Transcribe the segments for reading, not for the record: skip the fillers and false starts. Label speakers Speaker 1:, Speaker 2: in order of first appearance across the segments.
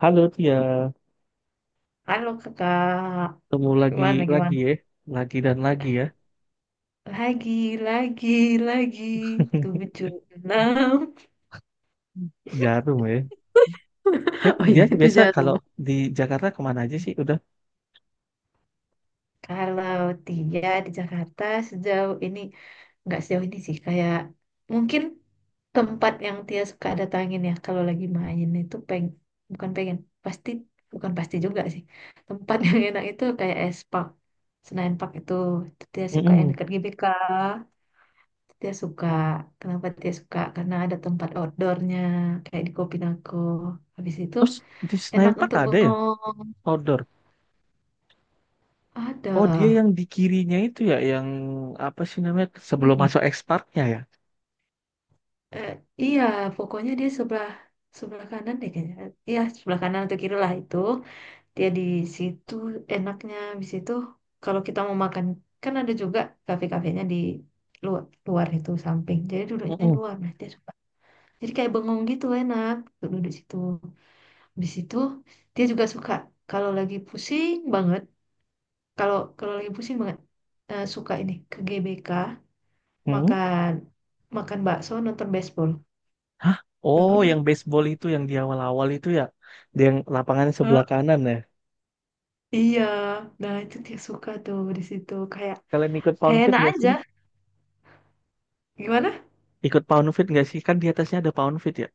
Speaker 1: Halo Tia,
Speaker 2: Halo kakak,
Speaker 1: ketemu lagi
Speaker 2: gimana
Speaker 1: lagi
Speaker 2: gimana?
Speaker 1: ya, lagi dan lagi ya.
Speaker 2: Lagi, lagi, lagi, tujuh enam.
Speaker 1: Jarum ya. Dia,
Speaker 2: Oh ya
Speaker 1: dia
Speaker 2: itu
Speaker 1: biasa
Speaker 2: jarum.
Speaker 1: kalau di Jakarta kemana aja sih? Udah.
Speaker 2: Kalau Tia di Jakarta sejauh ini, nggak sejauh ini sih, kayak mungkin tempat yang Tia suka datangin ya, kalau lagi main itu bukan pengen, pasti, bukan pasti juga sih. Tempat yang enak itu kayak Senayan Park itu, Tia suka yang
Speaker 1: Mm-mm.
Speaker 2: dekat GBK. Dia suka. Kenapa dia suka? Karena ada tempat outdoornya, kayak di Kopinago. Habis itu
Speaker 1: Terus di
Speaker 2: enak
Speaker 1: Senayan Park
Speaker 2: untuk
Speaker 1: ada ya
Speaker 2: bengong.
Speaker 1: outdoor.
Speaker 2: Ada.
Speaker 1: Oh dia yang di kirinya itu ya, yang apa sih namanya sebelum
Speaker 2: Hmm.
Speaker 1: masuk X Parknya ya.
Speaker 2: Eh, iya, pokoknya dia sebelah sebelah kanan deh kayaknya. Iya, sebelah kanan atau kiri lah itu. Dia di situ enaknya. Habis itu kalau kita mau makan, kan ada juga kafe-kafenya di luar, luar itu samping. Jadi duduknya di
Speaker 1: Mm-mm.
Speaker 2: luar. Nah, dia suka. Jadi kayak bengong gitu enak untuk duduk di situ. Di situ dia juga suka kalau lagi pusing banget, kalau kalau lagi pusing banget, suka ini ke GBK
Speaker 1: Mm-mm.
Speaker 2: makan makan bakso nonton baseball.
Speaker 1: Hah?
Speaker 2: Ya
Speaker 1: Oh
Speaker 2: udah.
Speaker 1: yang baseball itu yang di awal-awal itu ya, dia yang lapangannya sebelah
Speaker 2: Eh,
Speaker 1: kanan ya.
Speaker 2: Iya, nah itu dia suka tuh di situ, kayak
Speaker 1: Kalian ikut Pound
Speaker 2: kayak
Speaker 1: Fit
Speaker 2: enak
Speaker 1: nggak sih?
Speaker 2: aja. Gimana?
Speaker 1: Ikut Pound Fit nggak sih? Kan di atasnya ada Pound Fit ya,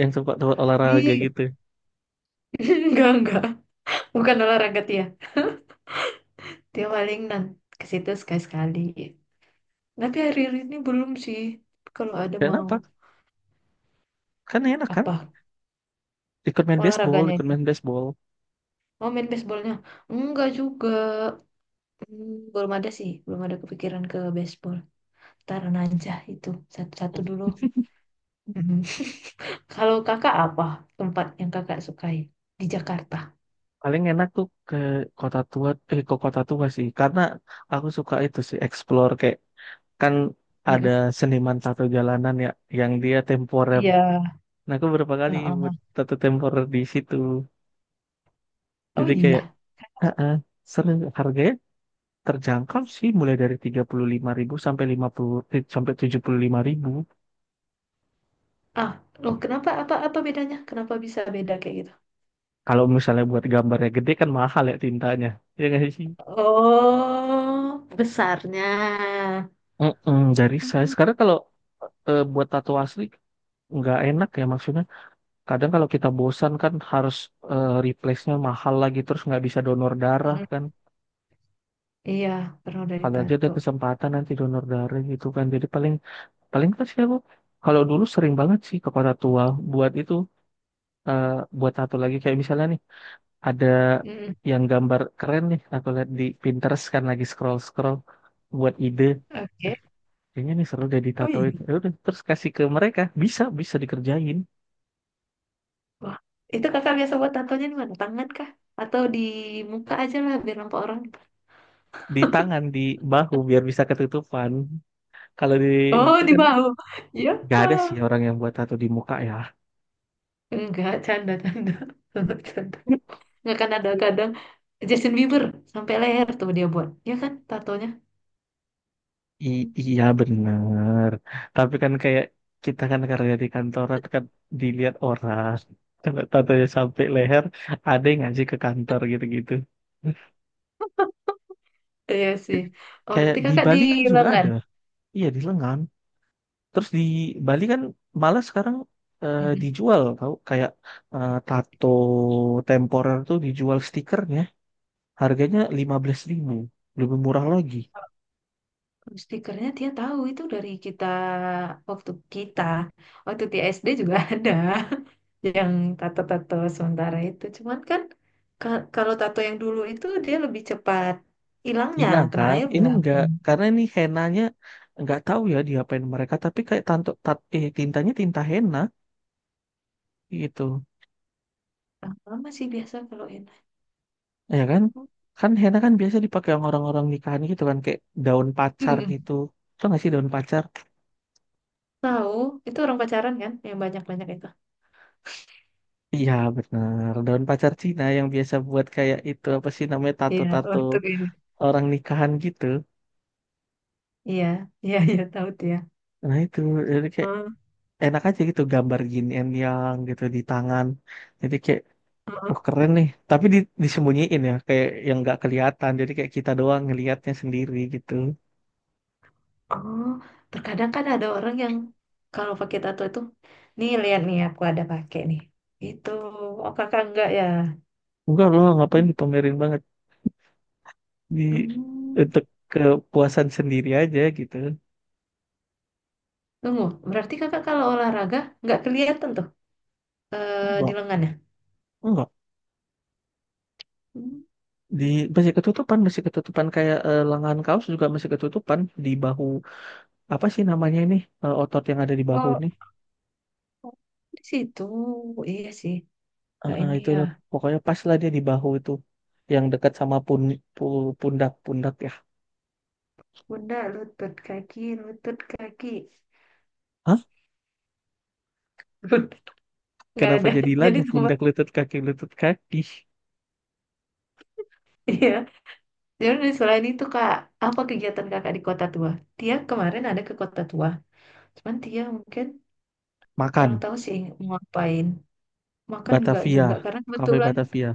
Speaker 1: yang tempat tempat olahraga
Speaker 2: Ih,
Speaker 1: gitu.
Speaker 2: enggak, bukan olahraga dia. Dia paling ke situ sekali-sekali. Tapi hari-hari ini belum sih. Kalau ada mau
Speaker 1: Kenapa? Kan enak kan?
Speaker 2: apa
Speaker 1: Ikut main baseball,
Speaker 2: olahraganya
Speaker 1: ikut
Speaker 2: itu?
Speaker 1: main baseball.
Speaker 2: Mau main baseballnya? Enggak juga. Hmm, belum ada sih, belum ada kepikiran ke baseball. Taran aja itu satu-satu dulu. Mhm. Kalau kakak apa tempat yang kakak sukai di Jakarta?
Speaker 1: Paling enak tuh ke kota tua, ke kota tua sih. Karena aku suka itu sih, explore kayak kan ada
Speaker 2: Mhm.
Speaker 1: seniman tato jalanan ya, yang dia temporer.
Speaker 2: Iya.
Speaker 1: Nah, aku berapa kali buat
Speaker 2: Heeh.
Speaker 1: tato temporer di situ.
Speaker 2: Oh
Speaker 1: Jadi kayak,
Speaker 2: iya.
Speaker 1: ah, ah, seru. Harganya terjangkau sih, mulai dari 35.000 sampai 50 eh, sampai 75.000.
Speaker 2: Ah, loh kenapa apa apa bedanya? Kenapa bisa beda kayak gitu?
Speaker 1: Kalau misalnya buat gambarnya gede kan mahal ya tintanya. Ya nggak sih?
Speaker 2: Oh, besarnya.
Speaker 1: Mm-mm, dari saya
Speaker 2: Mhm.
Speaker 1: sekarang kalau buat tato asli nggak enak ya maksudnya. Kadang kalau kita bosan kan harus replace-nya mahal lagi terus nggak bisa donor darah
Speaker 2: Mhm.
Speaker 1: kan.
Speaker 2: Iya, pernah dari
Speaker 1: Kalau aja
Speaker 2: tato.
Speaker 1: ada kesempatan nanti donor darah gitu kan. Jadi paling paling pas sih aku kalau dulu sering banget sih ke Kota Tua buat itu, eh, buat tato lagi kayak misalnya nih ada
Speaker 2: Mhm.
Speaker 1: yang gambar keren nih aku lihat di Pinterest kan lagi scroll scroll buat ide,
Speaker 2: Oke.
Speaker 1: kayaknya nih seru deh
Speaker 2: Oh
Speaker 1: ditatoin
Speaker 2: iya.
Speaker 1: ya udah terus kasih ke mereka bisa bisa dikerjain
Speaker 2: Wah, itu kakak biasa buat tatonya di mana? Tangan kah? Atau di muka aja lah biar nampak orang?
Speaker 1: di tangan, di bahu biar bisa ketutupan. Kalau di
Speaker 2: Oh,
Speaker 1: muka
Speaker 2: di
Speaker 1: kan
Speaker 2: mau. Ya.
Speaker 1: nggak ada sih orang yang buat tato di muka ya.
Speaker 2: Enggak, canda-canda. Canda. Enggak, kan ada kadang Justin Bieber sampai leher tuh dia buat. Ya kan tatonya.
Speaker 1: Iya bener, tapi kan kayak kita kan kerja di kantoran kan, dilihat orang. Kalau tatonya sampai leher ada yang ngasih ke kantor gitu-gitu.
Speaker 2: Iya sih. Oh,
Speaker 1: Kayak
Speaker 2: berarti
Speaker 1: di
Speaker 2: kakak di
Speaker 1: Bali kan juga
Speaker 2: lengan.
Speaker 1: ada, iya di lengan. Terus di Bali kan malah sekarang,
Speaker 2: Mm-mm.
Speaker 1: dijual tau kayak tato temporer tuh dijual stikernya. Harganya 15.000, lebih murah lagi.
Speaker 2: Kalau stikernya dia tahu itu dari kita, waktu kita waktu di SD juga ada yang tato-tato sementara itu. Cuman kan kalau tato yang dulu itu dia lebih cepat hilangnya,
Speaker 1: Hilang
Speaker 2: kena
Speaker 1: kan?
Speaker 2: air
Speaker 1: Ini
Speaker 2: udah
Speaker 1: enggak,
Speaker 2: blank.
Speaker 1: karena ini henanya enggak tahu ya diapain mereka, tapi kayak tintanya tinta henna gitu.
Speaker 2: Lama sih biasa kalau
Speaker 1: Ya kan? Kan henna kan biasa dipakai sama orang-orang nikahan gitu kan, kayak daun pacar
Speaker 2: enak.
Speaker 1: gitu. Tau nggak sih daun pacar?
Speaker 2: Tahu, itu orang pacaran kan yang banyak-banyak itu.
Speaker 1: Iya benar, daun pacar Cina yang biasa buat kayak itu apa sih namanya
Speaker 2: Iya,
Speaker 1: tato-tato
Speaker 2: untuk ini.
Speaker 1: orang nikahan gitu.
Speaker 2: Iya, iya, iya, tahu dia.
Speaker 1: Nah itu jadi kayak
Speaker 2: Heeh,
Speaker 1: enak aja gitu gambar yin and yang gitu di tangan. Jadi kayak
Speaker 2: heeh.
Speaker 1: wah keren nih. Tapi disembunyiin ya, kayak yang nggak kelihatan. Jadi kayak kita doang ngelihatnya sendiri gitu.
Speaker 2: Oh, terkadang kan ada orang yang kalau pakai tato itu, nih lihat nih, aku ada pakai nih. Itu, oh kakak enggak ya?
Speaker 1: Enggak loh, ngapain dipamerin banget, di
Speaker 2: Hmm.
Speaker 1: untuk kepuasan sendiri aja gitu.
Speaker 2: Tunggu, berarti kakak kalau olahraga nggak kelihatan tuh di
Speaker 1: Enggak,
Speaker 2: lengannya?
Speaker 1: enggak.
Speaker 2: Hmm.
Speaker 1: Di masih ketutupan kayak lengan kaos juga masih ketutupan di bahu. Apa sih namanya ini, otot yang ada di bahu
Speaker 2: Oh,
Speaker 1: ini.
Speaker 2: di situ, iya sih. Kayak ini
Speaker 1: Itu
Speaker 2: ya,
Speaker 1: loh, pokoknya pas lah dia di bahu itu yang dekat sama pundak-pundak ya.
Speaker 2: bunda lutut kaki, lutut kaki.
Speaker 1: Hah?
Speaker 2: Nggak
Speaker 1: Kenapa
Speaker 2: ada.
Speaker 1: jadi
Speaker 2: Jadi
Speaker 1: lagu
Speaker 2: tempat,
Speaker 1: pundak lutut kaki lutut kaki?
Speaker 2: iya, jadi dari selain itu, kak, apa kegiatan kakak di kota tua? Dia kemarin ada ke kota tua, cuman dia mungkin kurang
Speaker 1: Makan,
Speaker 2: tahu sih mau ngapain, makan nggak
Speaker 1: Batavia,
Speaker 2: juga karena
Speaker 1: Cafe
Speaker 2: kebetulan
Speaker 1: Batavia.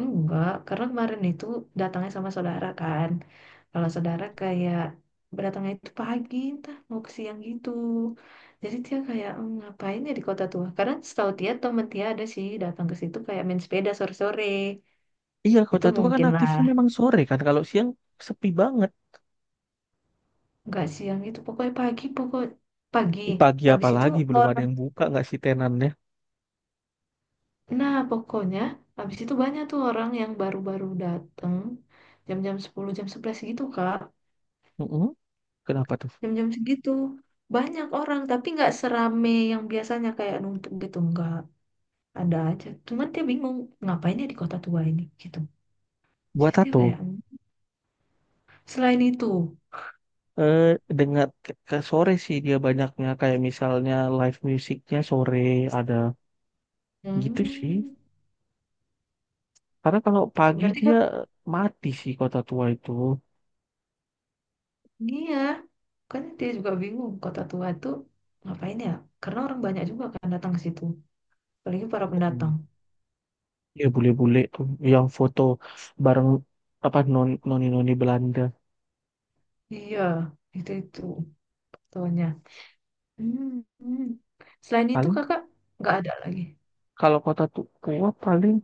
Speaker 2: enggak, karena kemarin itu datangnya sama saudara kan. Kalau saudara kayak berdatangnya itu pagi entah mau ke siang gitu. Jadi dia kayak, "Hmm, ngapain ya di kota tua," karena setahu dia temen dia ada sih datang ke situ kayak main sepeda sore-sore.
Speaker 1: Iya,
Speaker 2: Itu
Speaker 1: kota tua kan
Speaker 2: mungkin lah,
Speaker 1: aktifnya memang sore kan. Kalau siang sepi banget.
Speaker 2: nggak siang, itu pokoknya pagi, pagi.
Speaker 1: Ini pagi
Speaker 2: Habis itu
Speaker 1: apalagi belum ada
Speaker 2: orang,
Speaker 1: yang buka nggak sih tenannya?
Speaker 2: nah pokoknya habis itu banyak tuh orang yang baru-baru dateng jam-jam 10 jam 11 gitu, Kak.
Speaker 1: Mm-mm. Kenapa tuh?
Speaker 2: Jam-jam segitu banyak orang, tapi nggak serame yang biasanya kayak numpuk gitu, nggak ada aja. Cuman dia bingung ngapain ya di kota tua ini gitu. Jadi
Speaker 1: Buat
Speaker 2: dia
Speaker 1: tato.
Speaker 2: kayak, "Hmm." Selain itu,
Speaker 1: Eh, dengar ke sore sih dia banyaknya kayak misalnya live musiknya sore ada gitu sih.
Speaker 2: hmm,
Speaker 1: Karena kalau pagi
Speaker 2: berarti kan,
Speaker 1: dia mati sih kota tua itu.
Speaker 2: iya kan, dia juga bingung kota tua itu ngapain ya, karena orang banyak juga kan datang ke situ, apalagi para pendatang.
Speaker 1: Mm. Ya bule-bule tuh yang foto bareng apa noni noni Belanda.
Speaker 2: Iya, itu soalnya. Hmm, hmm. Selain itu
Speaker 1: Paling
Speaker 2: kakak nggak ada lagi.
Speaker 1: kalau kota tua paling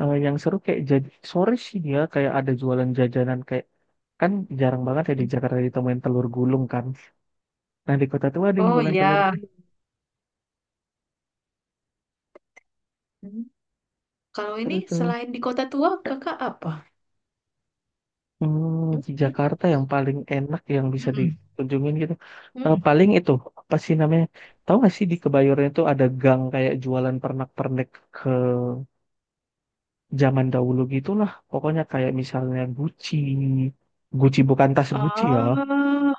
Speaker 1: yang seru kayak jadi sore sih ya kayak ada jualan jajanan kayak kan jarang banget ya di Jakarta ditemuin telur gulung kan. Nah di kota tua ada yang
Speaker 2: Oh
Speaker 1: jualan telur
Speaker 2: iya.
Speaker 1: gulung,
Speaker 2: Hmm. Kalau ini
Speaker 1: seru tuh.
Speaker 2: selain di Kota Tua kakak apa?
Speaker 1: Hmm,
Speaker 2: Hmm,
Speaker 1: di
Speaker 2: hmm,
Speaker 1: Jakarta yang paling enak yang bisa
Speaker 2: hmm,
Speaker 1: dikunjungin gitu.
Speaker 2: hmm, hmm.
Speaker 1: Paling itu apa sih namanya? Tahu nggak sih di Kebayoran itu ada gang kayak jualan pernak-pernik ke zaman dahulu gitulah. Pokoknya kayak misalnya Gucci, Gucci bukan tas Gucci ya.
Speaker 2: Oh,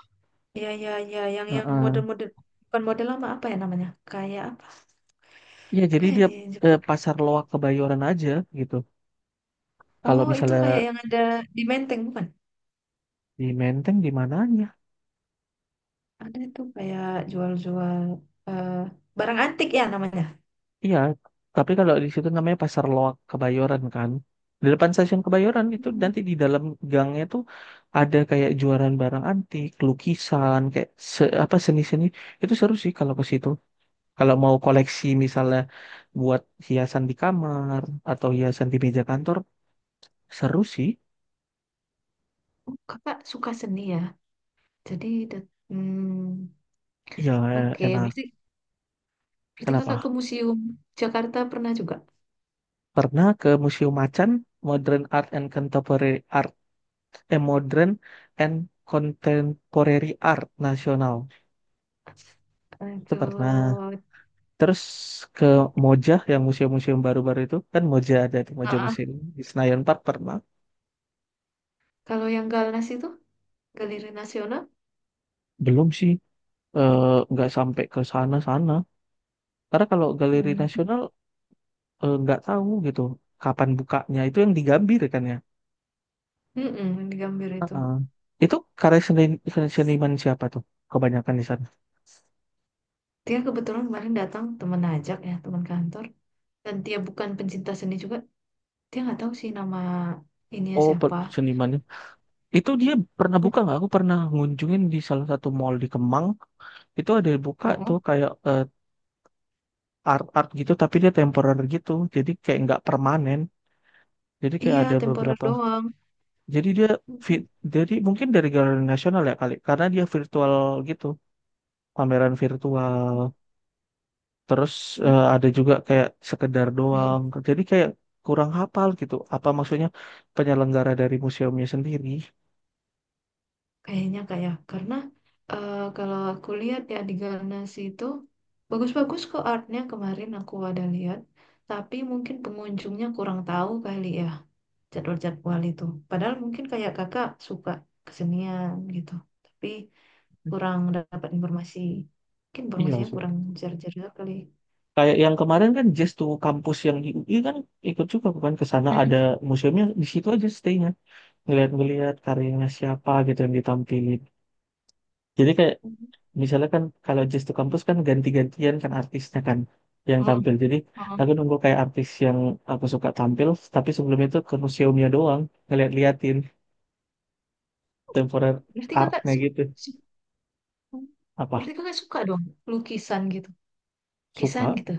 Speaker 2: ya ya ya, yang
Speaker 1: Heeh.
Speaker 2: model-model, bukan model lama, apa ya namanya? Kayak apa?
Speaker 1: Iya,
Speaker 2: Apa
Speaker 1: jadi
Speaker 2: ya
Speaker 1: dia
Speaker 2: dia yang
Speaker 1: ke
Speaker 2: disebut?
Speaker 1: pasar loak Kebayoran aja gitu. Kalau
Speaker 2: Oh, itu
Speaker 1: misalnya
Speaker 2: kayak yang ada di Menteng bukan?
Speaker 1: di Menteng di mananya?
Speaker 2: Ada itu kayak jual-jual, eh, barang antik ya namanya.
Speaker 1: Iya, tapi kalau di situ namanya pasar loak Kebayoran kan. Di depan stasiun Kebayoran itu
Speaker 2: Hmm.
Speaker 1: nanti di dalam gangnya tuh ada kayak jualan barang antik, lukisan, kayak apa seni-seni. Itu seru sih kalau ke situ. Kalau mau koleksi misalnya buat hiasan di kamar atau hiasan di meja kantor, seru sih.
Speaker 2: Oh, kakak suka seni ya? Jadi,
Speaker 1: Iya,
Speaker 2: oke. Berarti,
Speaker 1: enak.
Speaker 2: berarti kakak ke
Speaker 1: Kenapa?
Speaker 2: Museum Jakarta pernah juga?
Speaker 1: Pernah ke Museum Macan, Modern Art and Contemporary Art, Modern and Contemporary Art Nasional. Itu
Speaker 2: Itu
Speaker 1: pernah. Terus ke Moja, yang museum-museum baru-baru itu. Kan Moja ada tuh, Moja Museum. Di Senayan Park pernah.
Speaker 2: kalau yang Galnas itu, Galeri Nasional,
Speaker 1: Belum sih, eh, nggak sampai ke sana-sana. Karena kalau Galeri
Speaker 2: hmm.
Speaker 1: Nasional nggak tahu gitu kapan bukanya. Itu yang di Gambir kan ya.
Speaker 2: Di Gambir itu.
Speaker 1: Heeh. Itu karya seniman siapa tuh? Kebanyakan di sana.
Speaker 2: Dia kebetulan kemarin datang temen ajak ya, teman kantor. Dan dia bukan pencinta seni juga. Dia nggak tahu sih nama ininya
Speaker 1: Oh,
Speaker 2: siapa.
Speaker 1: seniman itu dia pernah buka nggak? Aku pernah ngunjungin di salah satu mall di Kemang. Itu ada yang buka tuh
Speaker 2: Mm-mm.
Speaker 1: kayak art-art gitu, tapi dia temporary gitu. Jadi kayak nggak permanen. Jadi kayak
Speaker 2: Iya,
Speaker 1: ada
Speaker 2: temporer
Speaker 1: beberapa.
Speaker 2: doang.
Speaker 1: Jadi dia fit. Jadi mungkin dari galeri nasional ya kali, karena dia virtual gitu, pameran virtual. Terus ada juga kayak sekedar
Speaker 2: Mm-mm.
Speaker 1: doang. Jadi kayak kurang hafal gitu. Apa maksudnya penyelenggara dari museumnya sendiri?
Speaker 2: Kayaknya kayak karena, kalau aku lihat ya, di Galnas itu bagus-bagus kok artnya, kemarin aku ada lihat, tapi mungkin pengunjungnya kurang tahu kali ya jadwal-jadwal itu. Padahal mungkin kayak kakak suka kesenian gitu, tapi kurang dapat informasi. Mungkin
Speaker 1: Iya
Speaker 2: informasinya
Speaker 1: sih.
Speaker 2: kurang jar-jar juga kali.
Speaker 1: Kayak yang kemarin kan Jazz to kampus yang di UI kan ikut juga bukan ke sana ada museumnya di situ aja stay-nya ngeliat-ngeliat karyanya siapa gitu yang ditampilin. Jadi kayak
Speaker 2: Mhm.
Speaker 1: misalnya kan kalau Jazz to kampus kan ganti-gantian kan artisnya kan yang
Speaker 2: Mm, mm,
Speaker 1: tampil. Jadi
Speaker 2: mm.
Speaker 1: aku nunggu kayak artis yang aku suka tampil tapi sebelum itu ke museumnya doang ngeliat-liatin
Speaker 2: Oh,
Speaker 1: temporary
Speaker 2: Berarti kakak
Speaker 1: artnya
Speaker 2: su-
Speaker 1: gitu.
Speaker 2: su- berarti
Speaker 1: Apa
Speaker 2: kakak suka dong lukisan gitu,
Speaker 1: suka
Speaker 2: lukisan gitu.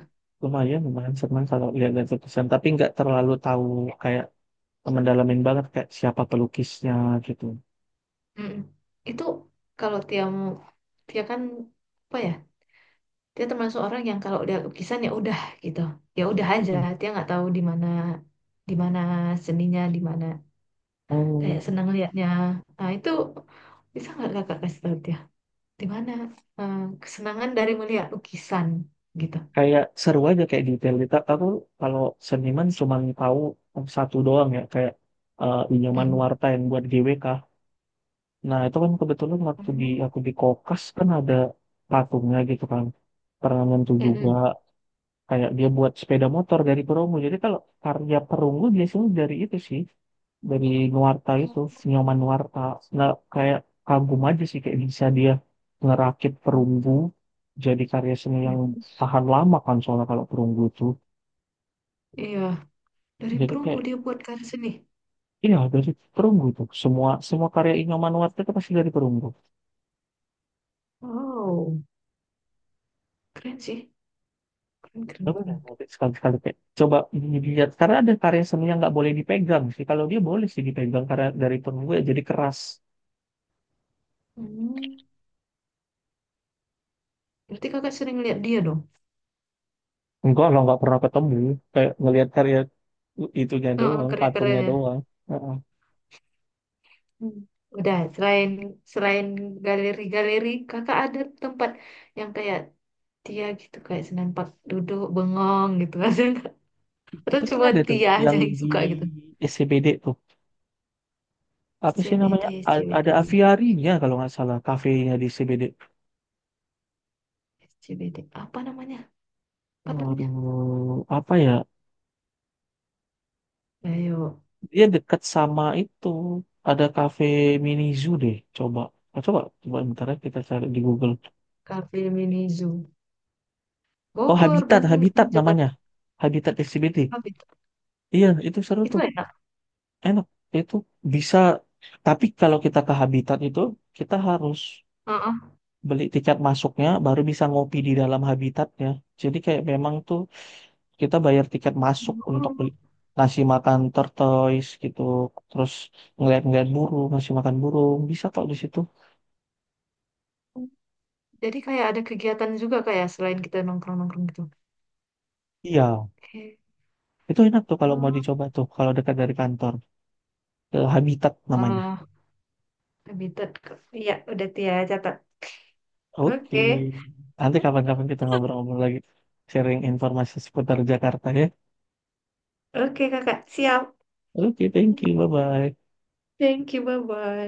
Speaker 1: lumayan lumayan senang kalau lihat-lihat lukisan tapi nggak terlalu tahu kayak mendalamin banget kayak siapa pelukisnya gitu.
Speaker 2: Mm-mm. Itu kalau Tia mau, Tia kan apa ya? Dia termasuk orang yang kalau udah lukisan ya udah gitu, ya udah aja.
Speaker 1: Mm.
Speaker 2: Dia nggak tahu di mana seninya, di mana, kayak
Speaker 1: Oh,
Speaker 2: senang liatnya. Nah itu bisa nggak kakak kasih tahu dia di mana, eh, kesenangan dari melihat lukisan gitu?
Speaker 1: kayak seru aja kayak detail. Aku kalau seniman cuma tahu satu doang ya kayak Inyoman
Speaker 2: Mm-mm.
Speaker 1: Nuarta yang buat GWK. Nah itu kan kebetulan waktu di
Speaker 2: Oh.
Speaker 1: aku di Kokas kan ada patungnya gitu kan. Pernah nyentuh juga.
Speaker 2: Mm-mm.
Speaker 1: Kayak dia buat sepeda motor dari perunggu. Jadi kalau karya perunggu biasanya dari itu sih, dari Nuarta itu, Nyoman
Speaker 2: Oh.
Speaker 1: Nuarta. Nggak kayak kagum aja sih kayak bisa dia ngerakit perunggu jadi karya seni yang tahan lama kan soalnya kalau perunggu itu.
Speaker 2: Iya, dari
Speaker 1: Jadi
Speaker 2: perunggu
Speaker 1: kayak
Speaker 2: dia buat karya seni.
Speaker 1: iya dari perunggu tuh semua semua karya Nyoman Nuarta itu pasti dari perunggu.
Speaker 2: Wow, keren sih, keren keren.
Speaker 1: Coba deh,
Speaker 2: Keren.
Speaker 1: nanti sekali-sekali kayak coba dilihat karena ada karya seni yang nggak boleh dipegang sih. Kalau dia boleh sih dipegang karena dari perunggu ya jadi keras.
Speaker 2: Hmm. Berarti kakak sering lihat dia dong.
Speaker 1: Enggak lah, nggak pernah ketemu. Kayak ngelihat karya itunya
Speaker 2: Heeh,
Speaker 1: doang,
Speaker 2: keren-keren
Speaker 1: patungnya
Speaker 2: ya.
Speaker 1: doang. Heeh.
Speaker 2: Hmm. Udah, selain selain galeri-galeri, kakak ada tempat yang kayak Tia gitu, kayak senampak duduk bengong gitu. Ada nggak? Atau
Speaker 1: Itu kan
Speaker 2: cuma
Speaker 1: ada tuh,
Speaker 2: Tia aja
Speaker 1: yang
Speaker 2: yang
Speaker 1: di
Speaker 2: suka gitu.
Speaker 1: SCBD tuh. Apa sih
Speaker 2: SCBD,
Speaker 1: namanya? Ada
Speaker 2: SCBD,
Speaker 1: aviarinya kalau nggak salah, kafenya di SCBD.
Speaker 2: SCBD. Apa namanya? Apa namanya?
Speaker 1: Aduh, apa ya?
Speaker 2: Ayo,
Speaker 1: Dia dekat sama itu. Ada kafe mini zoo deh, coba. Oh, coba, coba bentar ya kita cari di Google.
Speaker 2: Cafe Mini Zoo.
Speaker 1: Oh,
Speaker 2: Bogor,
Speaker 1: Habitat,
Speaker 2: Bandung,
Speaker 1: Habitat namanya.
Speaker 2: Jakarta.
Speaker 1: Habitat SCBD.
Speaker 2: Habis.
Speaker 1: Iya, itu seru
Speaker 2: Itu
Speaker 1: tuh.
Speaker 2: enak.
Speaker 1: Enak. Itu bisa. Tapi kalau kita ke habitat itu, kita harus
Speaker 2: Heeh.
Speaker 1: beli tiket masuknya, baru bisa ngopi di dalam habitatnya. Jadi kayak memang tuh kita bayar tiket masuk untuk
Speaker 2: Oh.
Speaker 1: ngasih makan tortoise gitu. Terus ngeliat-ngeliat burung, ngasih makan burung. Bisa kok di situ.
Speaker 2: Jadi kayak ada kegiatan juga kayak selain kita nongkrong-nongkrong gitu.
Speaker 1: Iya.
Speaker 2: Oke.
Speaker 1: Itu enak tuh kalau mau
Speaker 2: Oh,
Speaker 1: dicoba tuh. Kalau dekat dari kantor. Ke habitat namanya.
Speaker 2: oh, committed. Iya, udah Tia catat.
Speaker 1: Oke.
Speaker 2: Oke,
Speaker 1: Nanti kapan-kapan kita ngobrol-ngobrol lagi. Sharing informasi seputar Jakarta ya.
Speaker 2: oke kakak, siap.
Speaker 1: Oke, thank you. Bye-bye.
Speaker 2: Thank you, bye-bye.